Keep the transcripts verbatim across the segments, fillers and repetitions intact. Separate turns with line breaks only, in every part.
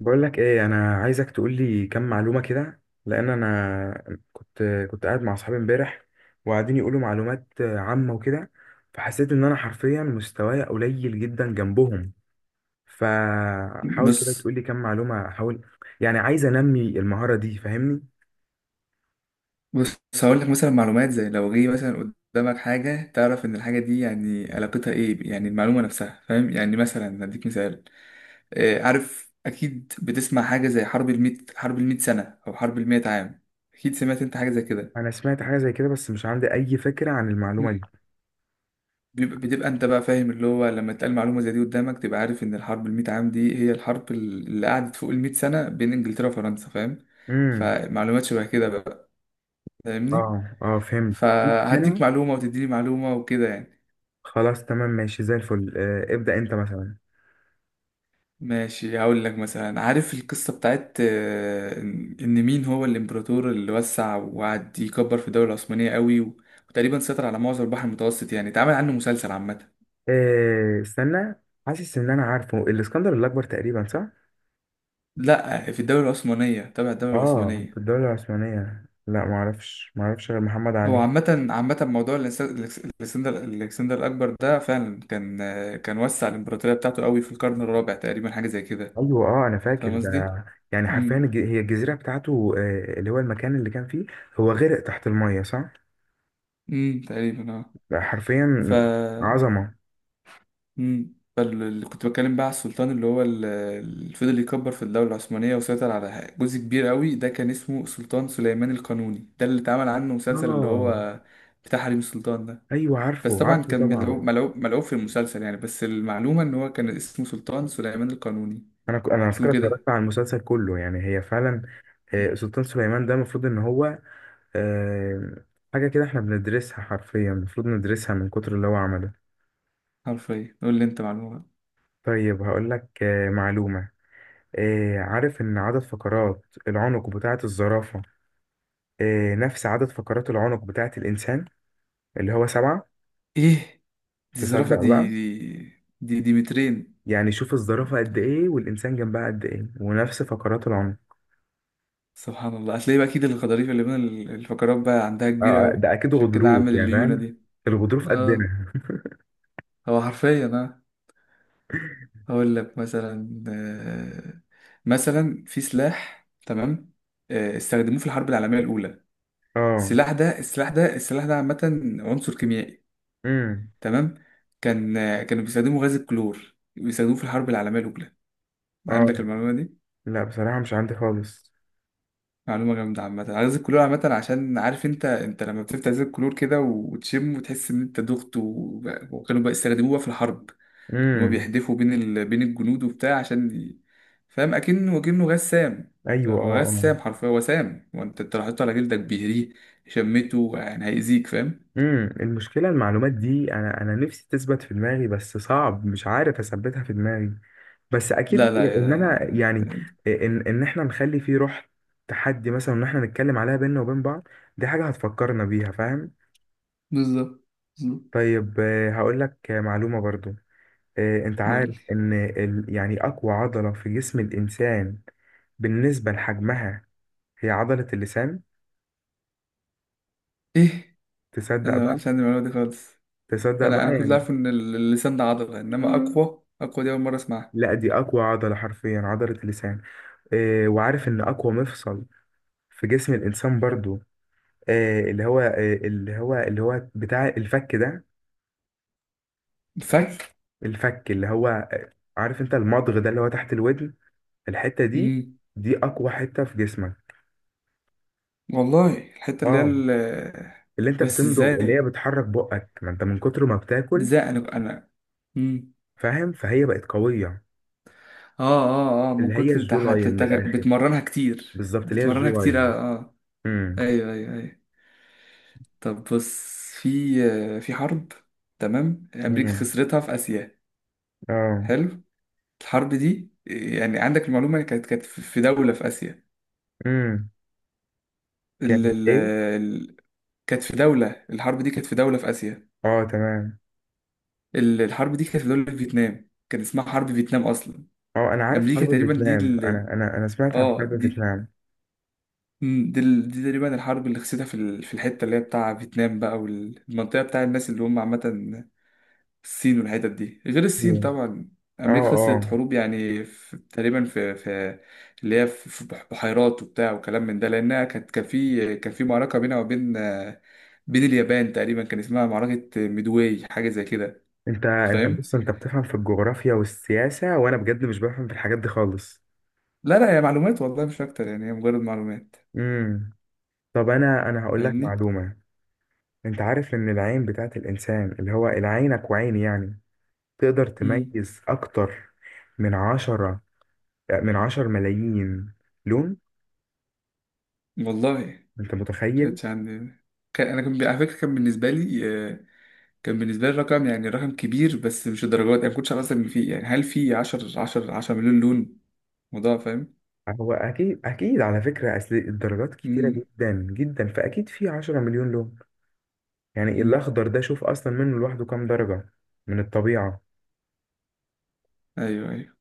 بقول لك ايه، انا عايزك تقول لي كام معلومه كده. لان انا كنت كنت قاعد مع اصحابي امبارح وقاعدين يقولوا معلومات عامه وكده، فحسيت ان انا حرفيا مستواي قليل جدا جنبهم. فحاول كده
بص
تقول لي كام معلومه، احاول يعني، عايز انمي المهاره دي، فاهمني.
بص هقول لك مثلا معلومات زي لو جه مثلا قدامك حاجة، تعرف إن الحاجة دي يعني علاقتها إيه، يعني المعلومة نفسها، فاهم؟ يعني مثلا هديك مثال. آه، عارف أكيد بتسمع حاجة زي حرب الميت، حرب الميت سنة أو حرب الميت عام. أكيد سمعت أنت حاجة زي كده.
انا سمعت حاجه زي كده بس مش عندي اي فكره عن
مم.
المعلومه دي.
بيبقى بتبقى أنت بقى فاهم، اللي هو لما تقال معلومة زي دي قدامك، تبقى عارف إن الحرب الميت عام دي هي الحرب اللي قعدت فوق الميت سنة بين إنجلترا وفرنسا، فاهم؟
امم.
فمعلومات شبه كده بقى. فاهمني؟
اه اه، فهمت.
فهديك
انا
معلومة وتديني معلومة وكده يعني.
خلاص تمام، ماشي زي الفل. آه، ابدأ انت مثلا.
ماشي، هقول لك مثلا. عارف القصة بتاعت، آه، إن إن مين هو الإمبراطور اللي وسع وقعد يكبر في الدولة العثمانية قوي، و- وتقريبا سيطر على معظم البحر المتوسط، يعني اتعمل عنه مسلسل عامة.
إيه، استنى، حاسس ان انا عارفه، الاسكندر الاكبر تقريبا، صح؟
لا، في الدولة العثمانية، تبع الدولة
اه في
العثمانية.
الدوله العثمانيه، لا ما اعرفش ما اعرفش غير محمد
هو
علي.
عامة عامة موضوع الإنس- الإكس- الإكسندر الإكسندر الأكبر ده، فعلا كان، آه، كان وسع الإمبراطورية بتاعته قوي في القرن الرابع تقريبا، حاجة زي كده.
ايوه اه، انا فاكر
فاهم
ده.
قصدي؟
يعني حرفيا
امم
الج- هي الجزيره بتاعته، آه، اللي هو المكان اللي كان فيه، هو غرق تحت الميه صح؟
امم تقريبا اه.
لا،
ف
حرفيا عظمه.
امم اللي كنت بتكلم بقى على السلطان، اللي هو ال- اللي فضل يكبر في الدولة العثمانية وسيطر على جزء كبير قوي، ده كان اسمه سلطان سليمان القانوني. ده اللي اتعمل عنه مسلسل، اللي
اه،
هو بتاع حريم السلطان ده.
ايوه
بس
عارفه
طبعا
عارفه
كان
طبعا.
ملعوب ملعوب ملعوب في المسلسل يعني، بس المعلومة ان هو كان اسمه سلطان سليمان القانوني.
انا ك- انا على
اسمه
فكره
كده.
اتفرجت على المسلسل كله، يعني هي فعلا. آه،
مم.
سلطان سليمان ده المفروض ان هو، آه، حاجة كده احنا بندرسها حرفيا، المفروض ندرسها من كتر اللي هو عمله.
حرفيا قول لي انت معلومة بقى.
طيب هقولك آه، معلومة. آه، عارف إن عدد فقرات العنق بتاعة الزرافة، آه، نفس عدد فقرات العنق بتاعة الإنسان، اللي هو سبعة.
ايه؟ دي الزرافة
تصدق
دي،
بقى؟
دي دي, دي مترين.
يعني شوف الزرافة قد إيه والإنسان جنبها قد إيه، ونفس فقرات العنق.
سبحان الله. هتلاقي بقى اكيد الغضاريف اللي بين الفقرات بقى عندها
آه
كبيرة
آه،
قوي.
ده أكيد
عشان كده
غضروف
عامل
يعني،
الليونة
فاهم.
دي.
الغضروف
اه،
قدنا.
هو حرفيا اه. هقول لك مثلا، آه، مثلا في سلاح، تمام؟ آه، استخدموه في الحرب العالميه الاولى.
اه.
السلاح ده السلاح ده السلاح ده عامه عنصر كيميائي،
امم.
تمام؟ كان، آه، كانوا بيستخدموا غاز الكلور، بيستخدموه في الحرب العالميه الاولى. عندك
اه.
المعلومه دي؟
لا بصراحة مش عندي خالص.
معلومه جامده. عامه غاز الكلور عامه، عشان عارف انت، انت لما بتفتح غاز الكلور كده وتشم وتحس ان انت دغت و- وكانوا بقى- استخدموه بقى في الحرب، ان هو
امم.
بيحدفوا بين ال... بين الجنود وبتاع، عشان ي- فاهم، اكنه اكنه غسام.
ايوه
هو
اه آه.
غسام حرفيا، هو سام، وانت، انت لو حطيته على جلدك بيهريه، شمته يعني هيأذيك، فاهم؟
امم المشكله المعلومات دي انا انا نفسي تثبت في دماغي بس صعب، مش عارف اثبتها في دماغي. بس
لا
اكيد
لا
ان انا
يا...
يعني، ان ان احنا نخلي فيه روح تحدي مثلا، ان احنا نتكلم عليها بينا وبين بعض، دي حاجه هتفكرنا بيها، فاهم.
بالظبط، بالظبط.
طيب آه، هقول لك آه، معلومه برضو. آه، انت
قول لي
عارف ان ال، يعني اقوى عضله في جسم الانسان بالنسبه لحجمها هي عضله اللسان؟
ايه.
تصدق
انا ما
بقى؟
كانش عندي المعلومه دي خالص.
تصدق
انا
بقى،
انا كنت
يعني،
عارف ان ال- اللسان ده عضله، انما اقوى، اقوى دي اول مره اسمعها.
لا دي اقوى عضله حرفيا، عضله اللسان. آه، وعارف ان اقوى مفصل في جسم الانسان برضو، آه اللي هو آه اللي هو اللي هو بتاع الفك ده؟
الفك.
الفك اللي هو آه عارف انت المضغ ده، اللي هو تحت الودن، الحته دي،
امم،
دي اقوى حته في جسمك.
والله الحته اللي هي
اه،
ال...
اللي انت
بس
بتمضغ، اللي هي
ازاي؟
بتحرك بقك، ما انت من كتر ما بتاكل
ازاي انا انا مم.
فاهم، فهي بقت قويه.
اه اه اه، من
اللي هي
كتر
الجو
تح...
لاين من
تت-
الاخر.
بتمرنها كتير،
بالظبط، اللي هي
بتمرنها
الجو
كتير، اه
لاين.
اه.
امم.
ايوه ايوه ايوه. طب بص. في، آه، في حرب، تمام، امريكا
امم.
خسرتها في اسيا.
اه.
حلو. الحرب دي يعني عندك المعلومه، كانت كانت في في دوله في اسيا.
امم.
ال...
كانت
ال...
ايه؟
ال... كانت في دوله، الحرب دي كانت في دوله في اسيا.
اه تمام.
ال- الحرب دي كانت في دوله في فيتنام، كان اسمها حرب فيتنام اصلا.
اه انا عارف
امريكا
حرب
تقريبا دي
فيتنام، انا
ال...
انا انا سمعت عن
اه
حرب
دي،
فيتنام.
مم، دي, ال- دي تقريبا الحرب اللي خسيتها في ال- في الحتة اللي هي بتاع فيتنام بقى، والمنطقة بتاع الناس اللي هم عامة الصين والحتت دي، غير
دي.
الصين طبعا.
اه
أمريكا خسرت
اه،
حروب يعني، في تقريبا في, في اللي هي في في بح- بحيرات وبتاع وكلام من ده، لأنها كانت كان في، كان في معركة بينها وبين، آه، بين اليابان تقريبا، كان اسمها معركة ميدواي، حاجة زي كده.
انت انت
فاهم؟
بص، انت بتفهم في الجغرافيا والسياسة، وانا بجد مش بفهم في الحاجات دي خالص.
لا لا، هي معلومات والله مش أكتر يعني، هي مجرد معلومات.
امم. طب انا انا هقول لك
فاهمني؟
معلومة. انت عارف ان العين بتاعت الانسان، اللي هو عينك وعيني يعني، تقدر
مم.
تميز اكتر من عشرة، من عشر ملايين لون؟
والله
انت متخيل؟
كانتش عندي. كان انا، كان على فكره كان بالنسبه لي، آه، كان بالنسبه لي الرقم، يعني رقم كبير، بس مش الدرجات يعني، ما كنتش عارف اصلا ان في، يعني هل في 10 10 عشرة مليون لون، موضوع، فاهم؟
هو اكيد اكيد على فكرة، اصل الدرجات كتيرة
امم.
جدا جدا، فاكيد في عشرة مليون لون. يعني
أمم.
الأخضر ده شوف أصلا منه لوحده كام درجة من الطبيعة.
ايوه ايوه.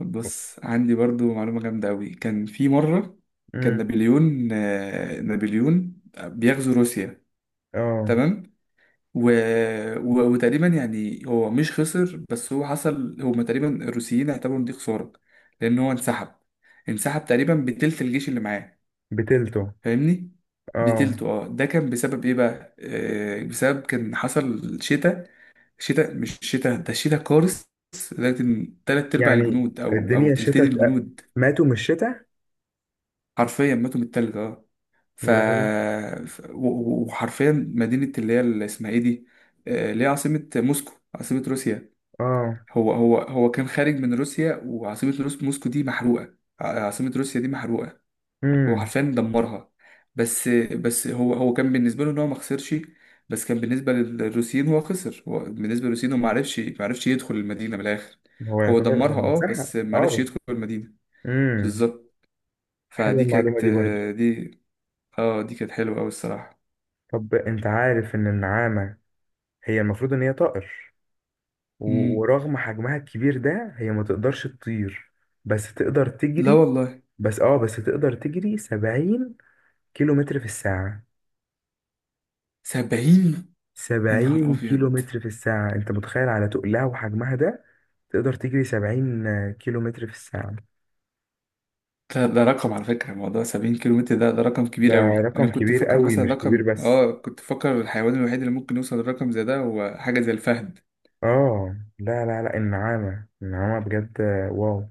طب بص، عندي برضو معلومه جامده قوي. كان في مره كان
امم.
نابليون، آه، نابليون بيغزو روسيا،
اه،
تمام؟ و... و... وتقريبا يعني هو مش خسر، بس هو حصل هما تقريبا الروسيين اعتبروا ان دي خسارة، لأن هو انسحب. انسحب تقريبا بتلت الجيش اللي معاه.
بتلته
فاهمني؟
اه.
بتلته اه. ده كان بسبب ايه بقى؟ آه، بسبب كان حصل شتاء. شتاء، مش شتاء، ده شتاء قارس، لدرجة ان تلات أرباع
يعني
الجنود، أو أو
الدنيا
تلتين
شتاء،
الجنود
ماتوا من الشتاء،
حرفيا ماتوا من التلج، اه. ف...
يا لهوي.
ف... و- و- وحرفيا مدينة اللي هي اللي اسمها ايه دي؟ آه، اللي هي عاصمة موسكو، عاصمة روسيا.
اه.
هو هو هو كان خارج من روسيا، وعاصمة روس موسكو دي محروقة، ع- عاصمة روسيا دي محروقة. هو
امم.
حرفيا دمرها. بس بس هو، هو كان بالنسبة له ان هو ما خسرش، بس كان بالنسبة للروسيين هو خسر، هو بالنسبة للروسيين هو ما عرفش، ما عرفش يدخل المدينة من الآخر.
هو
هو
يعتبر
دمرها اه،
بيتسحب
بس ما عرفش
اه.
يدخل المدينة.
امم.
بالظبط.
حلوة
فدي
المعلومة
كانت،
دي برضو.
دي اه دي كانت حلوة أوي الصراحة.
طب انت عارف ان النعامة هي المفروض ان هي طائر، و-
مم.
ورغم حجمها الكبير ده هي ما تقدرش تطير، بس تقدر
لا
تجري.
والله.
بس اه بس تقدر تجري سبعين كيلو متر في الساعة.
سبعين. يا نهار
سبعين كيلو
أبيض.
متر في الساعة، انت متخيل على تقلها وحجمها ده؟ تقدر تجري سبعين كيلو متر في الساعة،
ده, ده رقم على فكرة، موضوع سبعين كيلو متر ده، ده رقم
ده
كبير قوي. أنا
رقم
كنت
كبير
بفكر
قوي،
مثلا
مش كبير
رقم،
بس.
آه كنت بفكر الحيوان الوحيد اللي ممكن يوصل لرقم زي ده هو حاجة زي الفهد.
اه لا لا لا، النعامة النعامة بجد، آه، واو.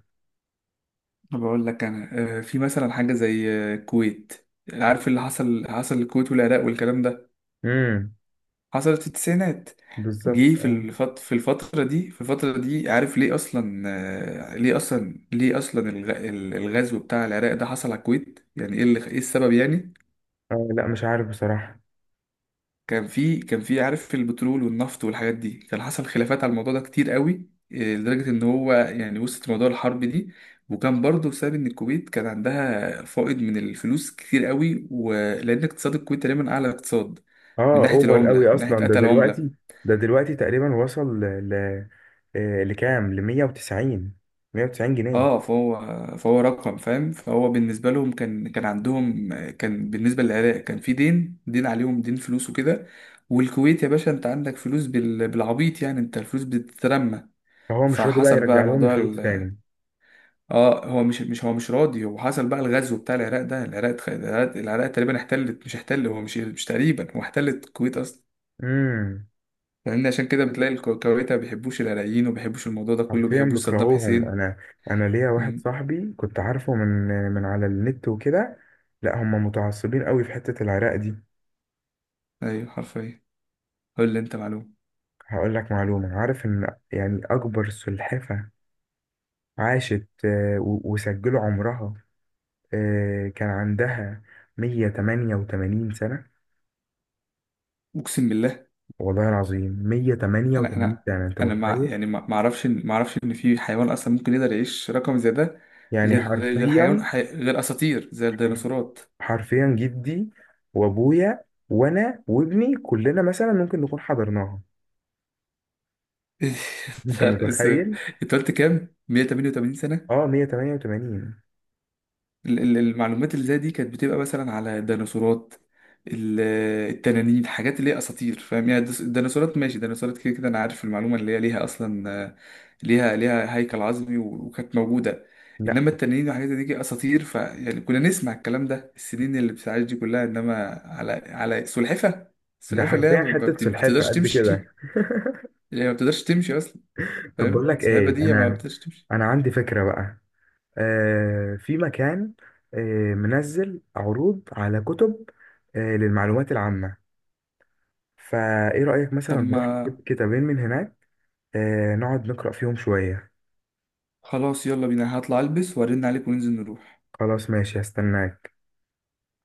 بقول لك أنا، آه، في مثلا حاجة زي، آه، الكويت. عارف اللي حصل، حصل الكويت والعراق والكلام ده،
امم.
حصلت في التسعينات.
بالظبط
جه في
اه.
الفت... في الفترة دي، في الفترة دي عارف ليه أصلا، آه، ليه أصلا، ليه أصلا الغ... الغزو بتاع العراق ده حصل على الكويت، يعني إيه اللي... إيه السبب يعني؟
آه، لا مش عارف بصراحة.
كان في، كان في، عارف البترول والنفط والحاجات دي، كان حصل خلافات على الموضوع ده كتير قوي، إيه، لدرجة ان هو يعني وسط موضوع الحرب دي. وكان برضه بسبب ان الكويت كان عندها فائض من الفلوس كتير قوي، ولان اقتصاد الكويت تقريبا اعلى اقتصاد من
اه
ناحية
اوفر قوي
العملة، من ناحية
اصلا ده
قتل العملة.
دلوقتي. ده دلوقتي تقريبا وصل ل ل- آه، لكام، ل مية وتسعين، مية وتسعين جنيه.
اه فهو، فهو رقم فاهم، فهو بالنسبة لهم كان، كان عندهم، كان بالنسبة للعراق كان في دين، دين عليهم، دين فلوس وكده، والكويت يا باشا انت عندك فلوس بال- بالعبيط يعني، انت الفلوس بتترمى.
فهو مش راضي بقى
فحصل بقى
يرجع لهم
موضوع
الفلوس
ال...
تاني.
اه هو مش، مش هو مش راضي. هو حصل بقى الغزو بتاع العراق ده، العراق اتخ- العراق, العراق تقريبا احتلت، مش احتل، هو مش مش تقريبا، هو احتلت الكويت اصلا.
امم.
فاهمني؟ عشان كده بتلاقي الكو- الكويت ما بيحبوش العراقيين، وما بيحبوش الموضوع ده كله، ما
حرفيا
بيحبوش صدام
بكرهوهم.
حسين.
انا انا ليا واحد
امم.
صاحبي كنت عارفه من من على النت وكده. لا هم متعصبين قوي في حتة العراق دي.
ايوه حرفيا. قول لي انت معلومه.
هقول لك معلومة. عارف ان يعني اكبر سلحفة عاشت، آه، و- وسجلوا عمرها، آه، كان عندها مية وتمانية وتمانين سنة؟
اقسم بالله.
والله العظيم
انا
مية وتمانية وتمانين
انا
سنة، انت
انا مع
متخيل؟
يعني، ما ما اعرفش إن- ما اعرفش ان في حيوان اصلا ممكن يقدر يعيش رقم زي ده،
يعني
غير غير حيوان
حرفيا،
حي... غير اساطير زي الديناصورات.
حرفيا جدي وابويا وانا وابني كلنا مثلا ممكن نكون حضرناها، انت
فرق السن.
متخيل؟
انت قلت كام؟ مية وتمنية وتمانين سنة.
اه مية وتمانية وتمانين.
ال- ال- المعلومات اللي زي دي كانت بتبقى مثلا على الديناصورات، ال- التنانين، حاجات اللي هي اساطير، فاهم يعني؟ الدس- الديناصورات ماشي، الديناصورات كده كده انا عارف المعلومة، اللي هي ليها اصلا، آه، ليها ليها هيكل عظمي، و- وكانت موجودة.
لا
انما التنانين وحاجات زي دي اساطير، فيعني كنا نسمع الكلام ده. السنين اللي بتعيش دي كلها، انما على، على سلحفة،
ده
السلحفة اللي هي
حرفيا
ما ما
حتة
بت-
سلحفة
بتقدرش
قد كده.
تمشي، اللي هي ما بتقدرش تمشي اصلا،
طب بقول
فاهم؟
لك ايه،
السلحفة دي ما
انا
بتقدرش تمشي.
انا عندي فكرة بقى. آه في مكان، آه منزل عروض على كتب، آه للمعلومات العامة. فايه رأيك
طب
مثلا نروح
ما
نجيب كتابين من هناك، آه نقعد نقرأ فيهم شوية.
خلاص، يلا بينا، هطلع البس وارن عليك وننزل نروح.
خلاص ماشي، هستناك.